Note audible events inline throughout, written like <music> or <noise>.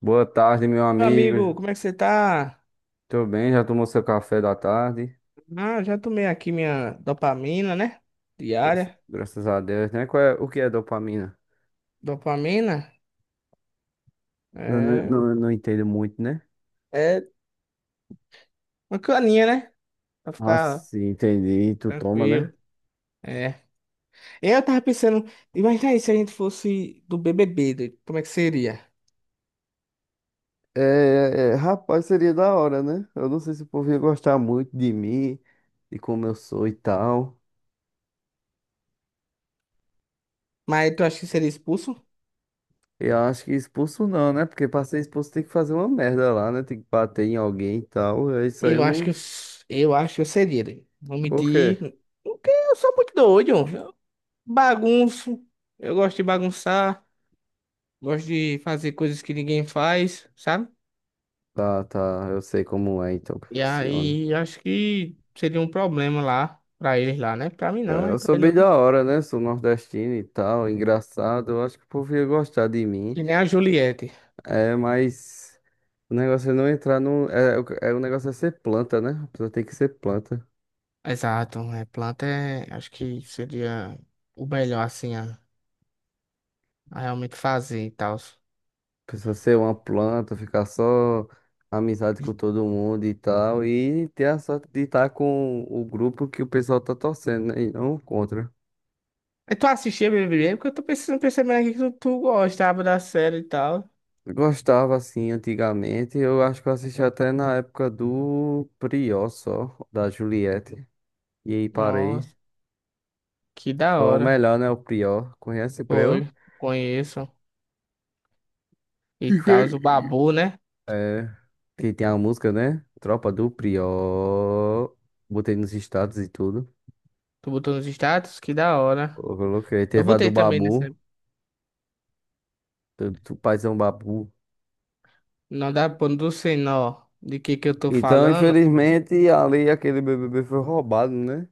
Boa tarde, meu Meu amigo, amigo. como é que você tá? Tô bem, já tomou seu café da tarde? Ah, já tomei aqui minha dopamina, né? Graças Diária. graças a Deus, né? Qual é, o que é dopamina? Dopamina Eu não, é, não, não entendo muito, né? é uma caninha, né? Pra Ah, ficar sim, entendi. Tu toma, tranquilo. né? É. Eu tava pensando, imagina aí se a gente fosse do BBB, doido, como é que seria? Rapaz, seria da hora, né? Eu não sei se o povo ia gostar muito de mim, de como eu sou e tal. Mas tu acha que seria expulso? Eu acho que expulso não, né? Porque pra ser expulso tem que fazer uma merda lá, né? Tem que bater em alguém e tal. É isso aí, eu Eu acho que eu, não. s- eu acho que eu seria, doido. Vou Por mentir, quê? porque eu sou muito doido. Eu bagunço, eu gosto de bagunçar, gosto de fazer coisas que ninguém faz, sabe? Tá, tá, eu sei como é então que E funciona. aí acho que seria um problema lá pra eles lá, né? Pra mim não, É, é eu pra sou eles bem não. da hora, né? Sou nordestino e tal, engraçado. Eu acho que o povo ia gostar de mim. E nem a Juliette. É, mas o negócio é não entrar no. O negócio é ser planta, né? A pessoa tem que ser planta. Exato, é planta é, acho que seria o melhor assim a realmente fazer e tal. A pessoa ser uma planta, ficar só amizade com todo mundo e tal. E ter a sorte de estar com o grupo que o pessoal tá torcendo, né? E não contra. Mas tu assistia BBB? Porque eu tô pensando, percebendo aqui que tu gostava da série e tal. Eu gostava assim antigamente. Eu acho que eu assisti até na época do Prió só, da Juliette. E aí parei. Nossa, que da Foi o hora. melhor, né? O pior. Conhece o Prior? Foi, conheço e tal, o <laughs> Babu, né? É. Que tem a música, né? Tropa do Prior. Botei nos status e tudo. Tu botou nos status? Que da Eu hora. coloquei. Eu Teve a do botei também nessa, Babu. Do paizão Babu. não dá pra não sei nó de que eu tô Então, falando. infelizmente, ali aquele BBB foi roubado, né?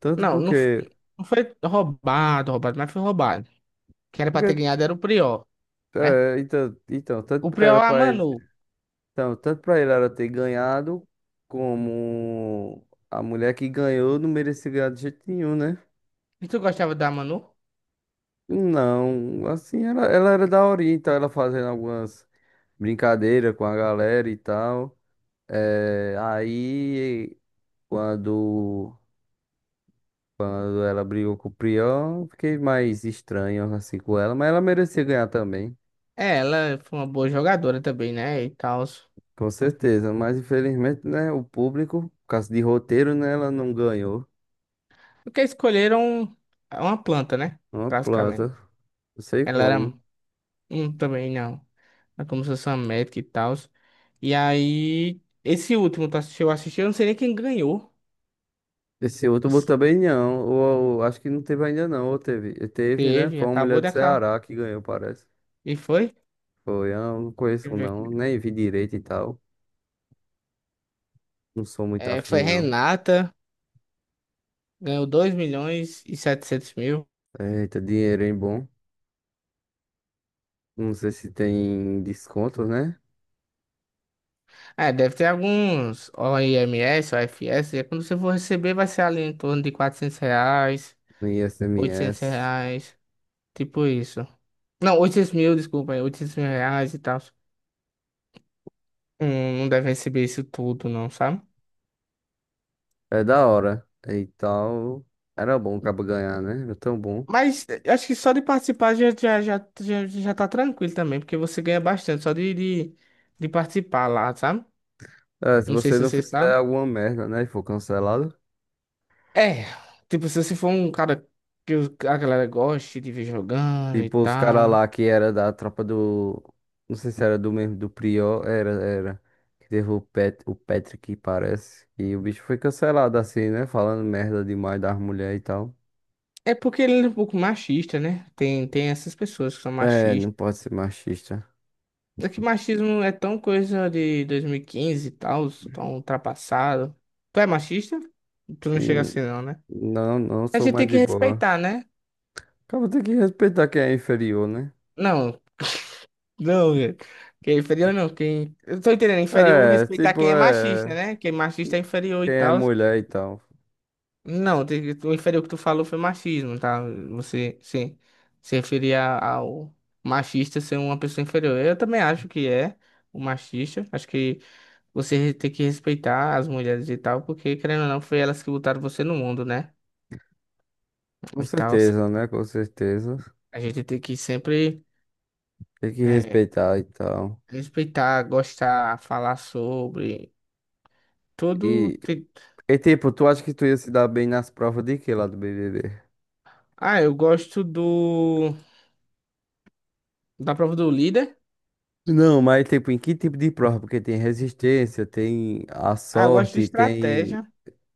Tanto Não, não, porque. não foi roubado, roubado, mas foi roubado. Quem era pra ter Porque. ganhado era o Prior, né? É, então, tanto O pra, era Prior, é a pra ele, Manu. então, tanto pra ele era ter ganhado, como a mulher que ganhou não merecia ganhar de jeito nenhum, né? E tu gostava da Manu? Não, assim, ela era daorinha, então ela fazendo algumas brincadeiras com a galera e tal. É, aí, quando, quando ela brigou com o Prião, fiquei mais estranho assim com ela, mas ela merecia ganhar também, É, ela foi uma boa jogadora também, né? E tal. com certeza. Mas infelizmente, né, o público, por causa de roteiro, né, ela não ganhou. Porque escolheram uma planta, né? Uma planta, Basicamente. não sei Ela era como. um também, não. Ela começou a ser uma médica e tal. E aí, esse último, tu assistiu? Eu assisti, eu não sei nem quem ganhou. Esse outro também não, ou acho que não teve ainda não, ou teve, né, Teve, foi uma mulher acabou de do acabar. Ceará que ganhou, parece. E foi? Foi, eu não conheço Deixa eu ver aqui. não, nem vi direito e tal. Não sou muito É, afim, foi não. Renata. Ganhou 2.700.000. Eita, dinheiro, hein, bom. Não sei se tem desconto, né? É, deve ter alguns OIMS, OFS. E quando você for receber, vai ser ali em torno de R$ 400, No I S M 800 S reais. Tipo isso. Não, 800 mil, desculpa. Aí, 800 mil reais e tal. Não deve receber isso tudo, não, sabe? É da hora. E tal. Era bom acaba ganhar, né? Era tão bom. Mas acho que só de participar já tá tranquilo também. Porque você ganha bastante só de participar lá, sabe? É, se Não sei você se não você fizer sabe. alguma merda, né? E for cancelado. É, tipo, se você for um cara que a galera goste de ver jogando e Tipo, os caras tal. lá que era da tropa do. Não sei se era do mesmo, do Prior. Era, era. Que teve o, o Patrick, parece. E o bicho foi cancelado assim, né? Falando merda demais das mulheres e tal. É porque ele é um pouco machista, né? Tem essas pessoas que são É, não machistas. pode ser machista. É que machismo é tão coisa de 2015 e tal, tão ultrapassado. Tu é machista? Tu não chega Hum, assim, não, né? Não, não A sou gente tem mais que de boa. respeitar, né? Acaba tem que respeitar quem é inferior, né? Não, não, quem é inferior não, quem. Eu tô entendendo, inferior É, respeitar tipo, quem é machista, é. né? Quem é machista é inferior e Quem é tal. mulher e tal. Não, eu o que tu falou foi machismo, tá? Você se referia ao machista ser uma pessoa inferior. Eu também acho que é o machista. Acho que você tem que respeitar as mulheres e tal, porque querendo ou não, foi elas que botaram você no mundo, né? Com E tal. certeza, né? Com certeza. A gente tem que sempre Tem que é, respeitar e tal. respeitar, gostar, falar sobre todo. E, e tipo, tu acha que tu ia se dar bem nas provas de quê lá do BBB? Ah, eu gosto do da prova do líder. Não, mas tipo, em que tipo de prova? Porque tem resistência, tem a Ah, eu gosto de sorte, tem, estratégia.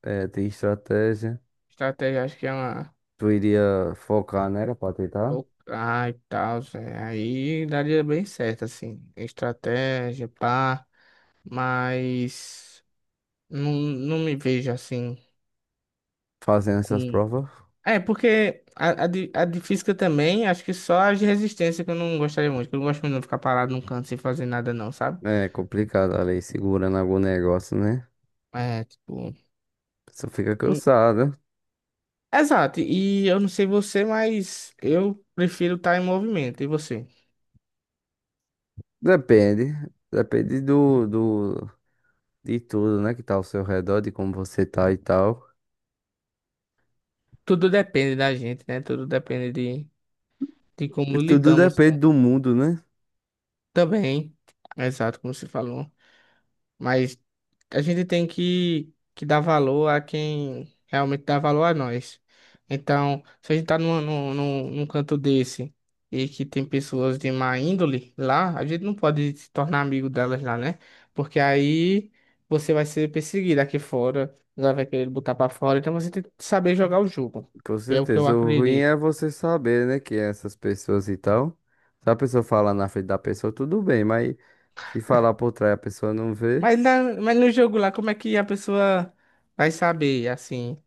eh, tem estratégia. Estratégia, acho que é uma. Tu iria focar nela pra tentar Ah, e tal, Zé. Aí daria bem certo, assim. Estratégia, pá. Mas não, não me vejo assim fazendo essas com. provas? É, porque a de física também, acho que só as de resistência que eu não gostaria muito, que eu não gosto muito de ficar parado num canto sem fazer nada, não, sabe? É complicado ali, segurando algum negócio, né? É, tipo. A pessoa fica e- cansada. Exato. E eu não sei você, mas eu prefiro estar em movimento. E você? Depende. Depende do, de tudo, né? Que tá ao seu redor, de como você tá e tal. Tudo depende da gente, né? Tudo depende de E como tudo lidamos. depende do mundo, né? Também, exato, como você falou. Mas a gente tem que dar valor a quem realmente dá valor a nós. Então, se a gente tá num canto desse e que tem pessoas de má índole lá, a gente não pode se tornar amigo delas lá, né? Porque aí você vai ser perseguido aqui fora, ela vai querer botar pra fora. Então você tem que saber jogar o jogo. Com É o que eu certeza. O ruim acredito. é você saber, né, que essas pessoas e tal. Se a pessoa falar na frente da pessoa, tudo bem, mas se falar por trás e a pessoa não vê, Mas no jogo lá, como é que a pessoa vai saber, assim?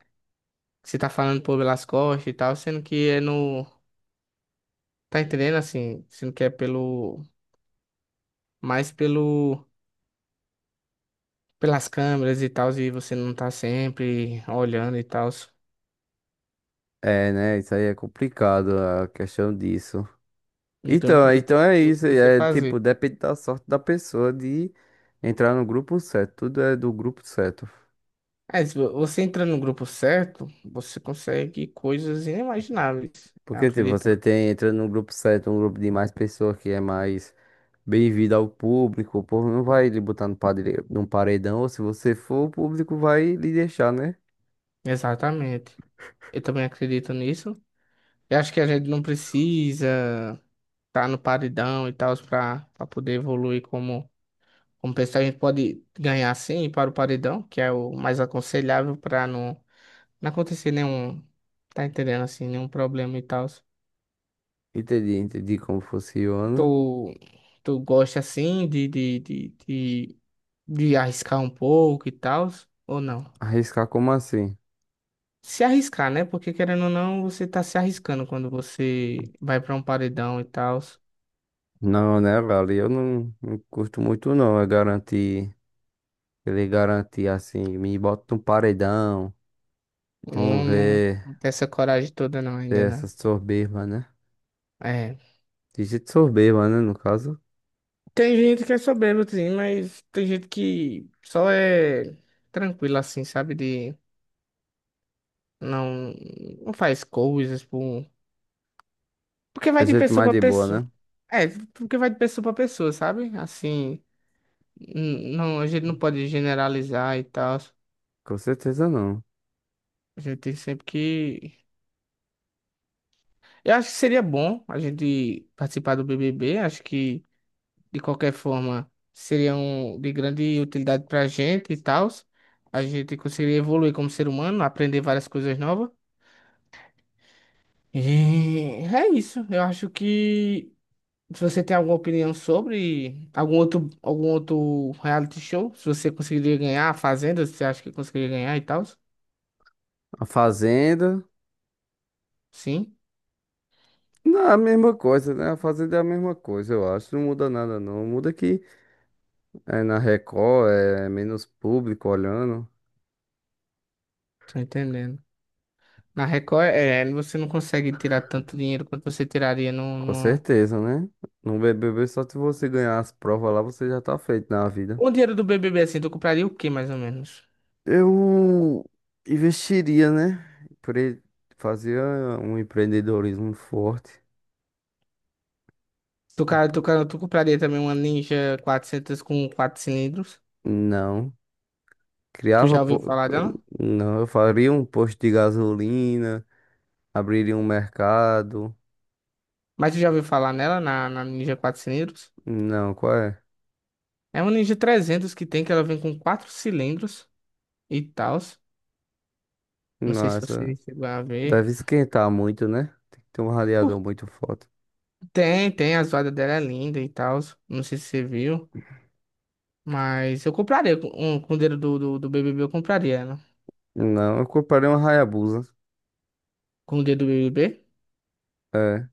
Você tá falando por pelas costas e tal, sendo que é no. Tá entendendo assim? Sendo que é pelo. Mais pelo. Pelas câmeras e tal, e você não tá sempre olhando e tal. é, né? Isso aí é complicado a questão disso. Então, Então é o que isso. você É tipo, fazer? depende da sorte da pessoa de entrar no grupo certo. Tudo é do grupo certo. É, se você entra no grupo certo, você consegue coisas inimagináveis. Eu Porque, tipo, você acredito. tem, entrando num grupo certo, um grupo de mais pessoas que é mais bem-vindo ao público. O povo não vai lhe botar no padre, num paredão, ou se você for, o público vai lhe deixar, né? Exatamente. Eu também acredito nisso. Eu acho que a gente não precisa estar no paredão e tal para pra poder evoluir como. Como pensar, a gente pode ganhar sim para o paredão, que é o mais aconselhável para não, não acontecer nenhum, tá entendendo assim, nenhum problema e tal. Entendi, entendi como funciona. Tu, tu gosta assim de arriscar um pouco e tal, ou não? Arriscar como assim? Se arriscar, né? Porque querendo ou não, você tá se arriscando quando você vai para um paredão e tal. Não, né, velho? Eu não curto muito, não. Ele garantir assim, me bota num paredão. Vamos Não, ver não tem essa coragem toda não se ainda, essas né? soberba, né? É. De jeito soberba, né, no caso. Tem gente que quer saber, Lutzinho, mas tem gente que só é tranquila assim, sabe? De não, não faz coisas por. Porque É vai de jeito pessoa mais pra de boa, pessoa. né? É, porque vai de pessoa pra pessoa, sabe? Assim, não, a gente não pode generalizar e tal. Com certeza não. A gente tem sempre que. Eu acho que seria bom a gente participar do BBB. Acho que, de qualquer forma, seria um, de grande utilidade pra gente e tal. A gente conseguiria evoluir como ser humano, aprender várias coisas novas. E é isso. Eu acho que se você tem alguma opinião sobre algum outro reality show, se você conseguiria ganhar a Fazenda, se você acha que conseguiria ganhar e tal? A Fazenda. Sim, Não, é a mesma coisa, né? A Fazenda é a mesma coisa, eu acho. Não muda nada, não. Muda que é na Record, é menos público olhando. tô entendendo. Na Record, é, você não consegue tirar tanto dinheiro quanto você tiraria no, Com no... certeza, né? No BBB, só se você ganhar as provas lá, você já tá feito na vida. Com o dinheiro do BBB, assim, tu compraria o quê, mais ou menos? Eu investiria, né? Fazia um empreendedorismo forte. Tu compraria também uma Ninja 400 com 4 cilindros? Não. Tu Criava. já ouviu falar dela? Não, eu faria um posto de gasolina, abriria um mercado. Mas tu já ouviu falar nela, na Ninja 4 cilindros? Não, qual é? É uma Ninja 300 que tem, que ela vem com quatro cilindros e tal. Não sei se você Nossa. chegou a ver. Deve esquentar muito, né? Tem que ter um Por- radiador muito forte. tem, a zoada dela é linda e tal. Não sei se você viu. Mas eu compraria com o dedo do BBB, eu compraria ela. Não, eu compraria uma Hayabusa. Com o dedo do BBB? É.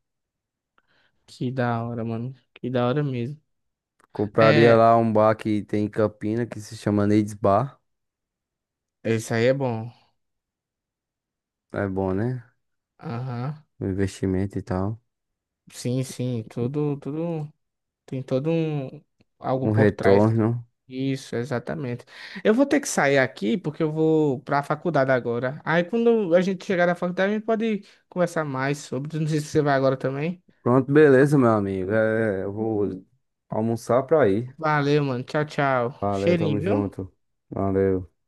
Que da hora, mano. Que da hora mesmo. Compraria É, lá um bar que tem em Campina que se chama Needs Bar. isso aí é bom. É bom, né? Aham. O investimento e tal. Sim, sim, tudo, tudo. Tem todo um algo Um por trás, né? retorno. Isso, exatamente. Eu vou ter que sair aqui porque eu vou para a faculdade agora. Aí quando a gente chegar na faculdade, a gente pode conversar mais sobre. Não sei se você vai agora também. Pronto, beleza, meu amigo. É, eu vou almoçar pra ir. Valeu, mano. Tchau, tchau. Valeu, tamo Cheirinho, viu? junto. Valeu.